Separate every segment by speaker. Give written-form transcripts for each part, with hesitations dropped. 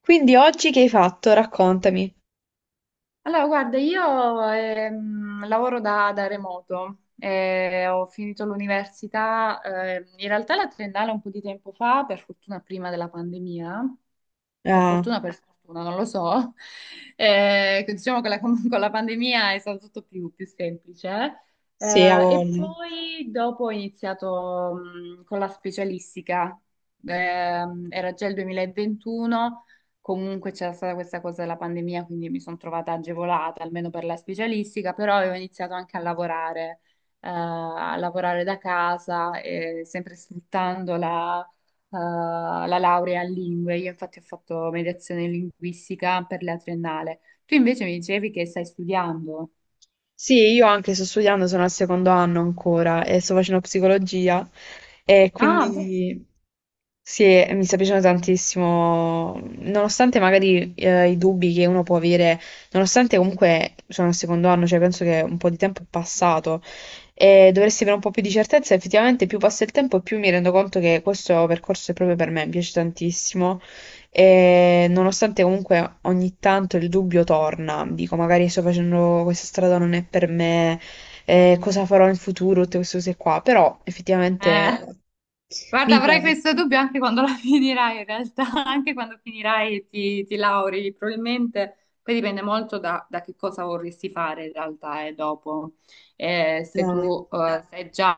Speaker 1: Quindi oggi che hai fatto? Raccontami.
Speaker 2: Allora, guarda, io lavoro da remoto, ho finito l'università, in realtà la triennale un po' di tempo fa, per fortuna prima della pandemia,
Speaker 1: Ah,
Speaker 2: per fortuna, non lo so. Diciamo che con la pandemia è stato tutto più semplice.
Speaker 1: sì, ha
Speaker 2: E
Speaker 1: voglia.
Speaker 2: poi dopo ho iniziato con la specialistica. Era già il 2021, comunque c'era stata questa cosa della pandemia, quindi mi sono trovata agevolata, almeno per la specialistica, però avevo iniziato anche a lavorare da casa, sempre sfruttando eh, la laurea in lingue. Io infatti ho fatto mediazione linguistica per la triennale. Tu invece mi dicevi che stai studiando.
Speaker 1: Sì, io anche sto studiando, sono al secondo anno ancora e sto facendo psicologia e
Speaker 2: Ah, bene.
Speaker 1: quindi... Sì, e mi sta piacendo tantissimo, nonostante magari i dubbi che uno può avere, nonostante comunque sono al secondo anno, cioè penso che un po' di tempo è passato e dovresti avere un po' più di certezza. Effettivamente più passa il tempo e più mi rendo conto che questo percorso è proprio per me, mi piace tantissimo, e nonostante comunque ogni tanto il dubbio torna, dico magari sto facendo questa strada non è per me, cosa farò in futuro, tutte queste cose qua, però effettivamente
Speaker 2: Eh, guarda,
Speaker 1: mi
Speaker 2: avrai questo dubbio anche quando la finirai, in realtà, anche quando finirai e ti lauri, probabilmente poi dipende molto da che cosa vorresti fare in realtà e dopo. Se
Speaker 1: piace.
Speaker 2: tu sai già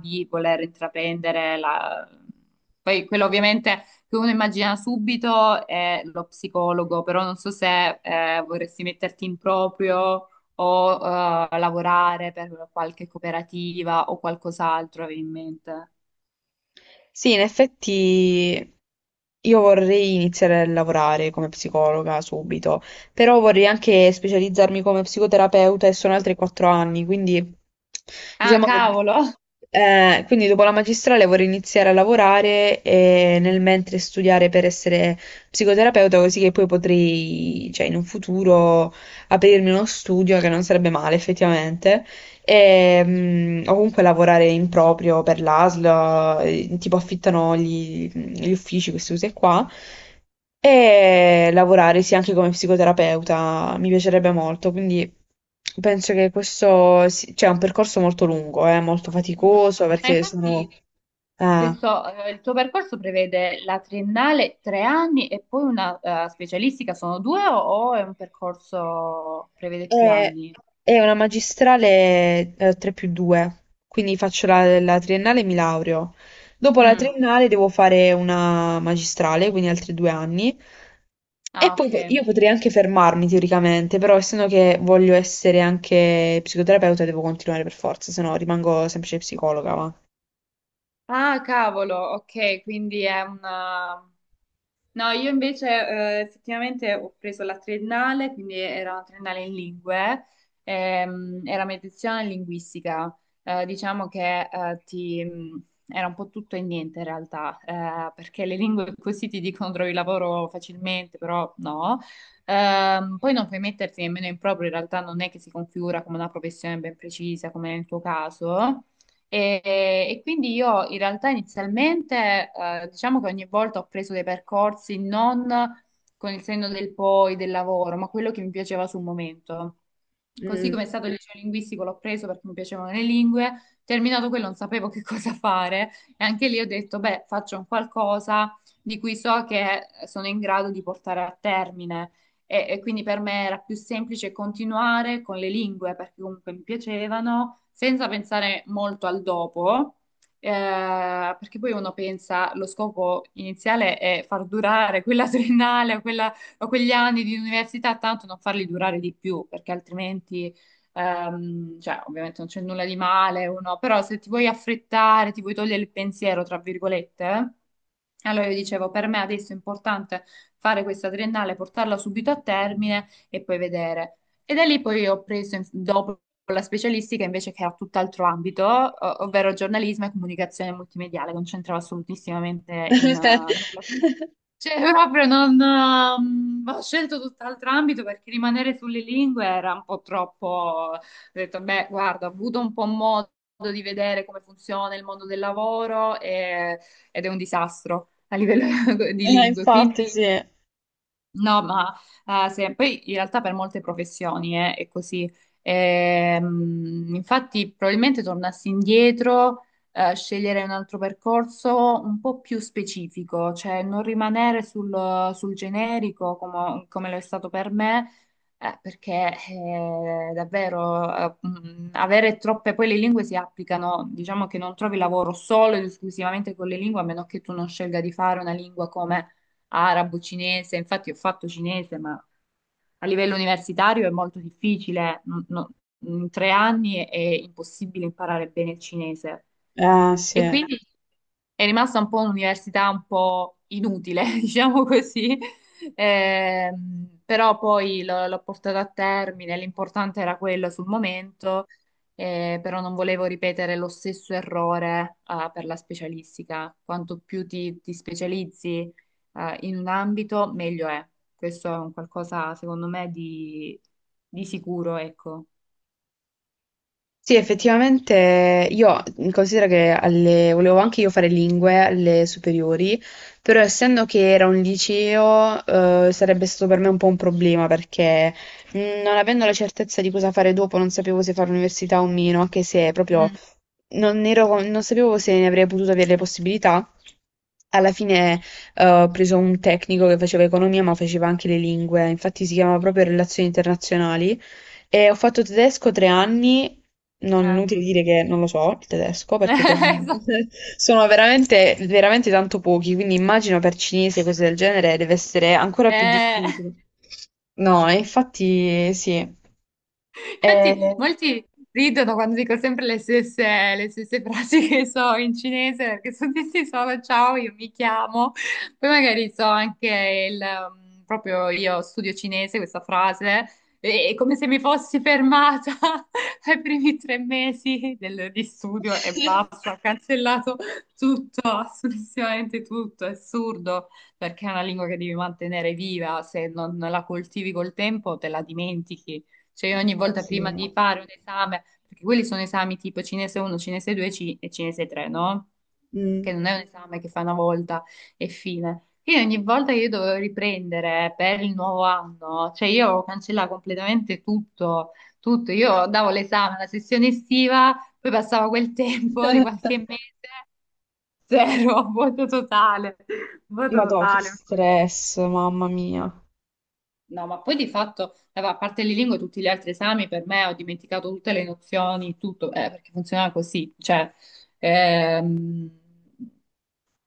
Speaker 2: di voler intraprendere la... Poi quello ovviamente che uno immagina subito è lo psicologo, però non so se vorresti metterti in proprio o lavorare per qualche cooperativa o qualcos'altro avevi in mente?
Speaker 1: Sì, in effetti io vorrei iniziare a lavorare come psicologa subito, però vorrei anche specializzarmi come psicoterapeuta e sono altri 4 anni, quindi
Speaker 2: Ah,
Speaker 1: diciamo che...
Speaker 2: cavolo!
Speaker 1: quindi dopo la magistrale vorrei iniziare a lavorare e nel mentre studiare per essere psicoterapeuta, così che poi potrei, cioè in un futuro, aprirmi uno studio che non sarebbe male effettivamente. E, o comunque lavorare in proprio per l'ASL, tipo affittano gli uffici, queste cose qua, e lavorare sì anche come psicoterapeuta, mi piacerebbe molto. Quindi penso che questo sia cioè, è un percorso molto lungo, molto
Speaker 2: Mm.
Speaker 1: faticoso
Speaker 2: Ma
Speaker 1: perché sono...
Speaker 2: infatti
Speaker 1: eh,
Speaker 2: questo, il tuo percorso prevede la triennale 3 anni e poi una specialistica, sono due o è un percorso prevede più
Speaker 1: È,
Speaker 2: anni?
Speaker 1: è una magistrale, 3 più 2, quindi faccio la triennale e mi laureo. Dopo la
Speaker 2: Mm.
Speaker 1: triennale devo fare una magistrale, quindi altri 2 anni. E
Speaker 2: Ah,
Speaker 1: poi
Speaker 2: ok.
Speaker 1: io potrei anche fermarmi teoricamente, però essendo che voglio essere anche psicoterapeuta devo continuare per forza, se no rimango semplice psicologa, va.
Speaker 2: Ah, cavolo, ok, quindi è una... No, io invece effettivamente ho preso la triennale, quindi era una triennale in lingue, era medicina e linguistica. Diciamo che ti, era un po' tutto e niente in realtà, perché le lingue così ti dicono trovi lavoro facilmente, però no. Poi non puoi metterti nemmeno in proprio, in realtà non è che si configura come una professione ben precisa, come nel tuo caso. E, e quindi io in realtà inizialmente, diciamo che ogni volta ho preso dei percorsi non con il senno del poi, del lavoro, ma quello che mi piaceva sul momento. Così
Speaker 1: Mm.
Speaker 2: come è stato il liceo linguistico, l'ho preso perché mi piacevano le lingue. Terminato quello, non sapevo che cosa fare e anche lì ho detto, beh, faccio un qualcosa di cui so che sono in grado di portare a termine. E quindi per me era più semplice continuare con le lingue perché comunque mi piacevano, senza pensare molto al dopo, perché poi uno pensa, lo scopo iniziale è far durare quella triennale o quella ma quegli anni di università tanto non farli durare di più, perché altrimenti, cioè, ovviamente non c'è nulla di male, uno, però se ti vuoi affrettare, ti vuoi togliere il pensiero, tra virgolette, allora io dicevo, per me adesso è importante fare questa triennale, portarla subito a termine e poi vedere. E da lì poi ho preso, dopo la specialistica invece che era tutt'altro ambito, ovvero giornalismo e comunicazione multimediale, concentrava assolutissimamente in nulla. Cioè, proprio non... ho scelto tutt'altro ambito perché rimanere sulle lingue era un po' troppo... Ho detto, beh, guarda, ho avuto un po' modo di vedere come funziona il mondo del lavoro ed è un disastro a livello di lingue. Quindi
Speaker 1: Infatti sì.
Speaker 2: no, ma poi in realtà per molte professioni è così. Infatti, probabilmente tornassi indietro, sceglierei un altro percorso un po' più specifico, cioè non rimanere sul generico come lo è stato per me, perché davvero avere troppe, poi le lingue si applicano, diciamo che non trovi lavoro solo ed esclusivamente con le lingue, a meno che tu non scelga di fare una lingua come arabo, cinese, infatti ho fatto cinese, ma a livello universitario è molto difficile, in 3 anni è impossibile imparare bene il cinese.
Speaker 1: Ah, sì.
Speaker 2: E quindi è rimasta un po' un'università un po' inutile, diciamo così. Però poi l'ho portata a termine, l'importante era quello sul momento, però non volevo ripetere lo stesso errore, ah, per la specialistica. Quanto più ti specializzi, in un ambito, meglio è. Questo è un qualcosa, secondo me, di sicuro, ecco.
Speaker 1: Sì, effettivamente io considero che volevo anche io fare lingue alle superiori, però essendo che era un liceo, sarebbe stato per me un po' un problema perché non avendo la certezza di cosa fare dopo, non sapevo se fare università o meno, anche se proprio
Speaker 2: Mm.
Speaker 1: non sapevo se ne avrei potuto avere le possibilità. Alla fine, ho preso un tecnico che faceva economia, ma faceva anche le lingue, infatti si chiamava proprio relazioni internazionali. E ho fatto tedesco 3 anni, non è
Speaker 2: Eh.
Speaker 1: inutile dire che non lo so il tedesco, perché
Speaker 2: Esatto.
Speaker 1: sono veramente, veramente tanto pochi, quindi immagino per cinese cose del genere deve essere ancora più
Speaker 2: Eh.
Speaker 1: difficile. No, e infatti sì.
Speaker 2: Infatti,
Speaker 1: Eh,
Speaker 2: molti ridono quando dico sempre le stesse frasi che so in cinese, perché sono tutti solo ciao, io mi chiamo. Poi magari so anche proprio io studio cinese, questa frase, è come se mi fossi fermata ai primi 3 mesi di studio e basta, ho cancellato tutto, assolutamente tutto, è assurdo perché è una lingua che devi mantenere viva, se non la coltivi col tempo te la dimentichi, cioè io ogni
Speaker 1: No,
Speaker 2: volta prima
Speaker 1: sì.
Speaker 2: di fare un esame, perché quelli sono esami tipo cinese 1, cinese 2 e cinese 3, no? Che
Speaker 1: Mm.
Speaker 2: non è un esame che fa una volta e fine. Quindi ogni volta che io dovevo riprendere per il nuovo anno, cioè io cancellavo completamente tutto, tutto. Io davo l'esame alla sessione estiva, poi passava quel tempo di qualche mese, zero, vuoto totale, vuoto
Speaker 1: Madò, che
Speaker 2: totale.
Speaker 1: stress, mamma mia.
Speaker 2: No, ma poi di fatto, a parte le lingue, tutti gli altri esami per me ho dimenticato tutte le nozioni, tutto, perché funzionava così. Cioè, ehm,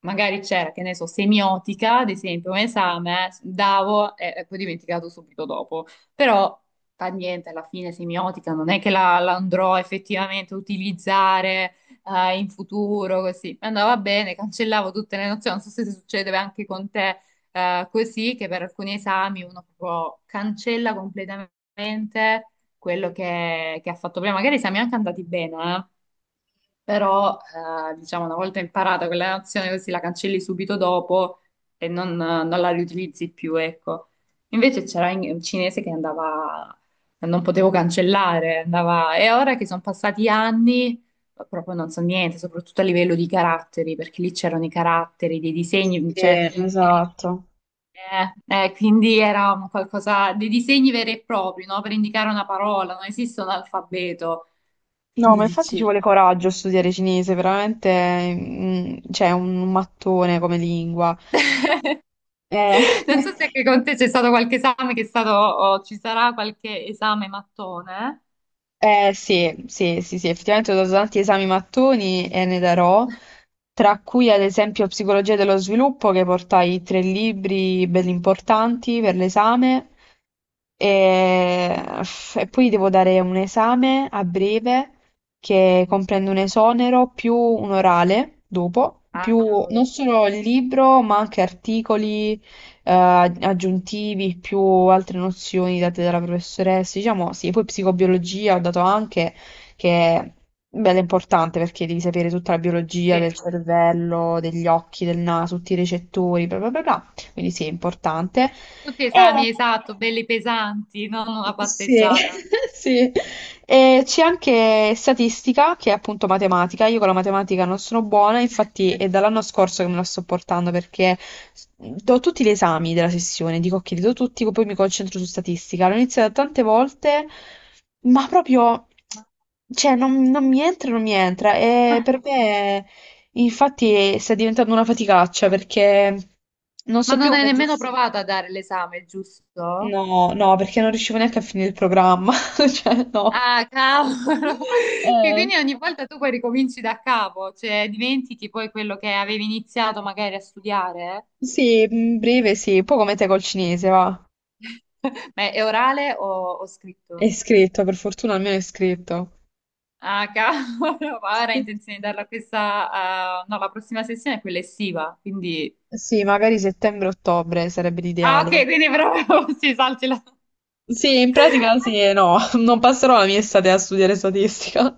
Speaker 2: magari c'era, che ne so, semiotica, ad esempio, un esame, davo e poi dimenticato subito dopo. Però fa niente, alla fine semiotica non è che la andrò effettivamente a utilizzare in futuro, così. Andava bene, cancellavo tutte le nozioni, non so se succede anche con te così, che per alcuni esami uno proprio cancella completamente quello che ha fatto prima. Magari siamo anche andati bene, però diciamo una volta imparata quella nozione così la cancelli subito dopo e non, non la riutilizzi più, ecco. Invece c'era un cinese che andava, non potevo cancellare, andava, e ora che sono passati anni proprio non so niente, soprattutto a livello di caratteri, perché lì c'erano i caratteri, dei
Speaker 1: Sì,
Speaker 2: disegni, cioè...
Speaker 1: esatto.
Speaker 2: Eh, quindi era un qualcosa dei disegni veri e propri, no? Per indicare una parola, non esiste un alfabeto.
Speaker 1: No,
Speaker 2: Quindi
Speaker 1: ma infatti ci
Speaker 2: dici,
Speaker 1: vuole coraggio a studiare cinese, veramente, mm, c'è un mattone come lingua. Eh,
Speaker 2: non so se anche con te c'è stato qualche esame che è stato, o ci sarà qualche esame mattone.
Speaker 1: Eh sì, sì, sì, sì, effettivamente ho dato tanti esami mattoni e ne darò, tra cui ad esempio Psicologia dello sviluppo, che portai tre libri belli importanti per l'esame, e, e poi devo dare un esame a breve che comprende un esonero più un orale dopo,
Speaker 2: Ah,
Speaker 1: più non
Speaker 2: cavolo.
Speaker 1: solo il libro, ma anche articoli aggiuntivi, più altre nozioni date dalla professoressa. Diciamo sì, poi psicobiologia ho dato anche, che bella, è bella importante perché devi sapere tutta la biologia
Speaker 2: Sì.
Speaker 1: del cervello, degli occhi, del naso, tutti i recettori, bla bla bla, bla. Quindi sì, è importante.
Speaker 2: Tutti
Speaker 1: E
Speaker 2: esami, esatto, belli pesanti, non una
Speaker 1: sì,
Speaker 2: passeggiata.
Speaker 1: sì. E c'è anche statistica, che è appunto matematica. Io con la matematica non sono buona, infatti è dall'anno scorso che me la sto portando perché do tutti gli esami della sessione, dico che li do tutti, poi mi concentro su statistica. L'ho iniziata tante volte, ma proprio, cioè, non mi entra, non mi entra. E per me... Infatti sta diventando una faticaccia perché non
Speaker 2: Ma
Speaker 1: so più
Speaker 2: non hai
Speaker 1: come
Speaker 2: nemmeno
Speaker 1: gestire.
Speaker 2: provato a dare l'esame, giusto?
Speaker 1: No, no, perché non riuscivo neanche a finire il programma. Cioè, no.
Speaker 2: Ah, cavolo! Sì,
Speaker 1: Eh,
Speaker 2: quindi ogni volta tu poi ricominci da capo, cioè dimentichi poi quello che avevi iniziato magari a studiare.
Speaker 1: sì, in breve sì, un po' come te col cinese, va.
Speaker 2: Ma è orale o scritto?
Speaker 1: È scritto, per fortuna almeno è scritto.
Speaker 2: Ah, cavolo, ma ora ho
Speaker 1: Sì,
Speaker 2: intenzione di darla questa, no, la prossima sessione è quella estiva, quindi...
Speaker 1: sì, magari settembre-ottobre sarebbe
Speaker 2: Ah,
Speaker 1: l'ideale.
Speaker 2: ok, quindi proprio sì, saltila.
Speaker 1: Sì, in pratica sì e no, non passerò la mia estate a studiare statistica.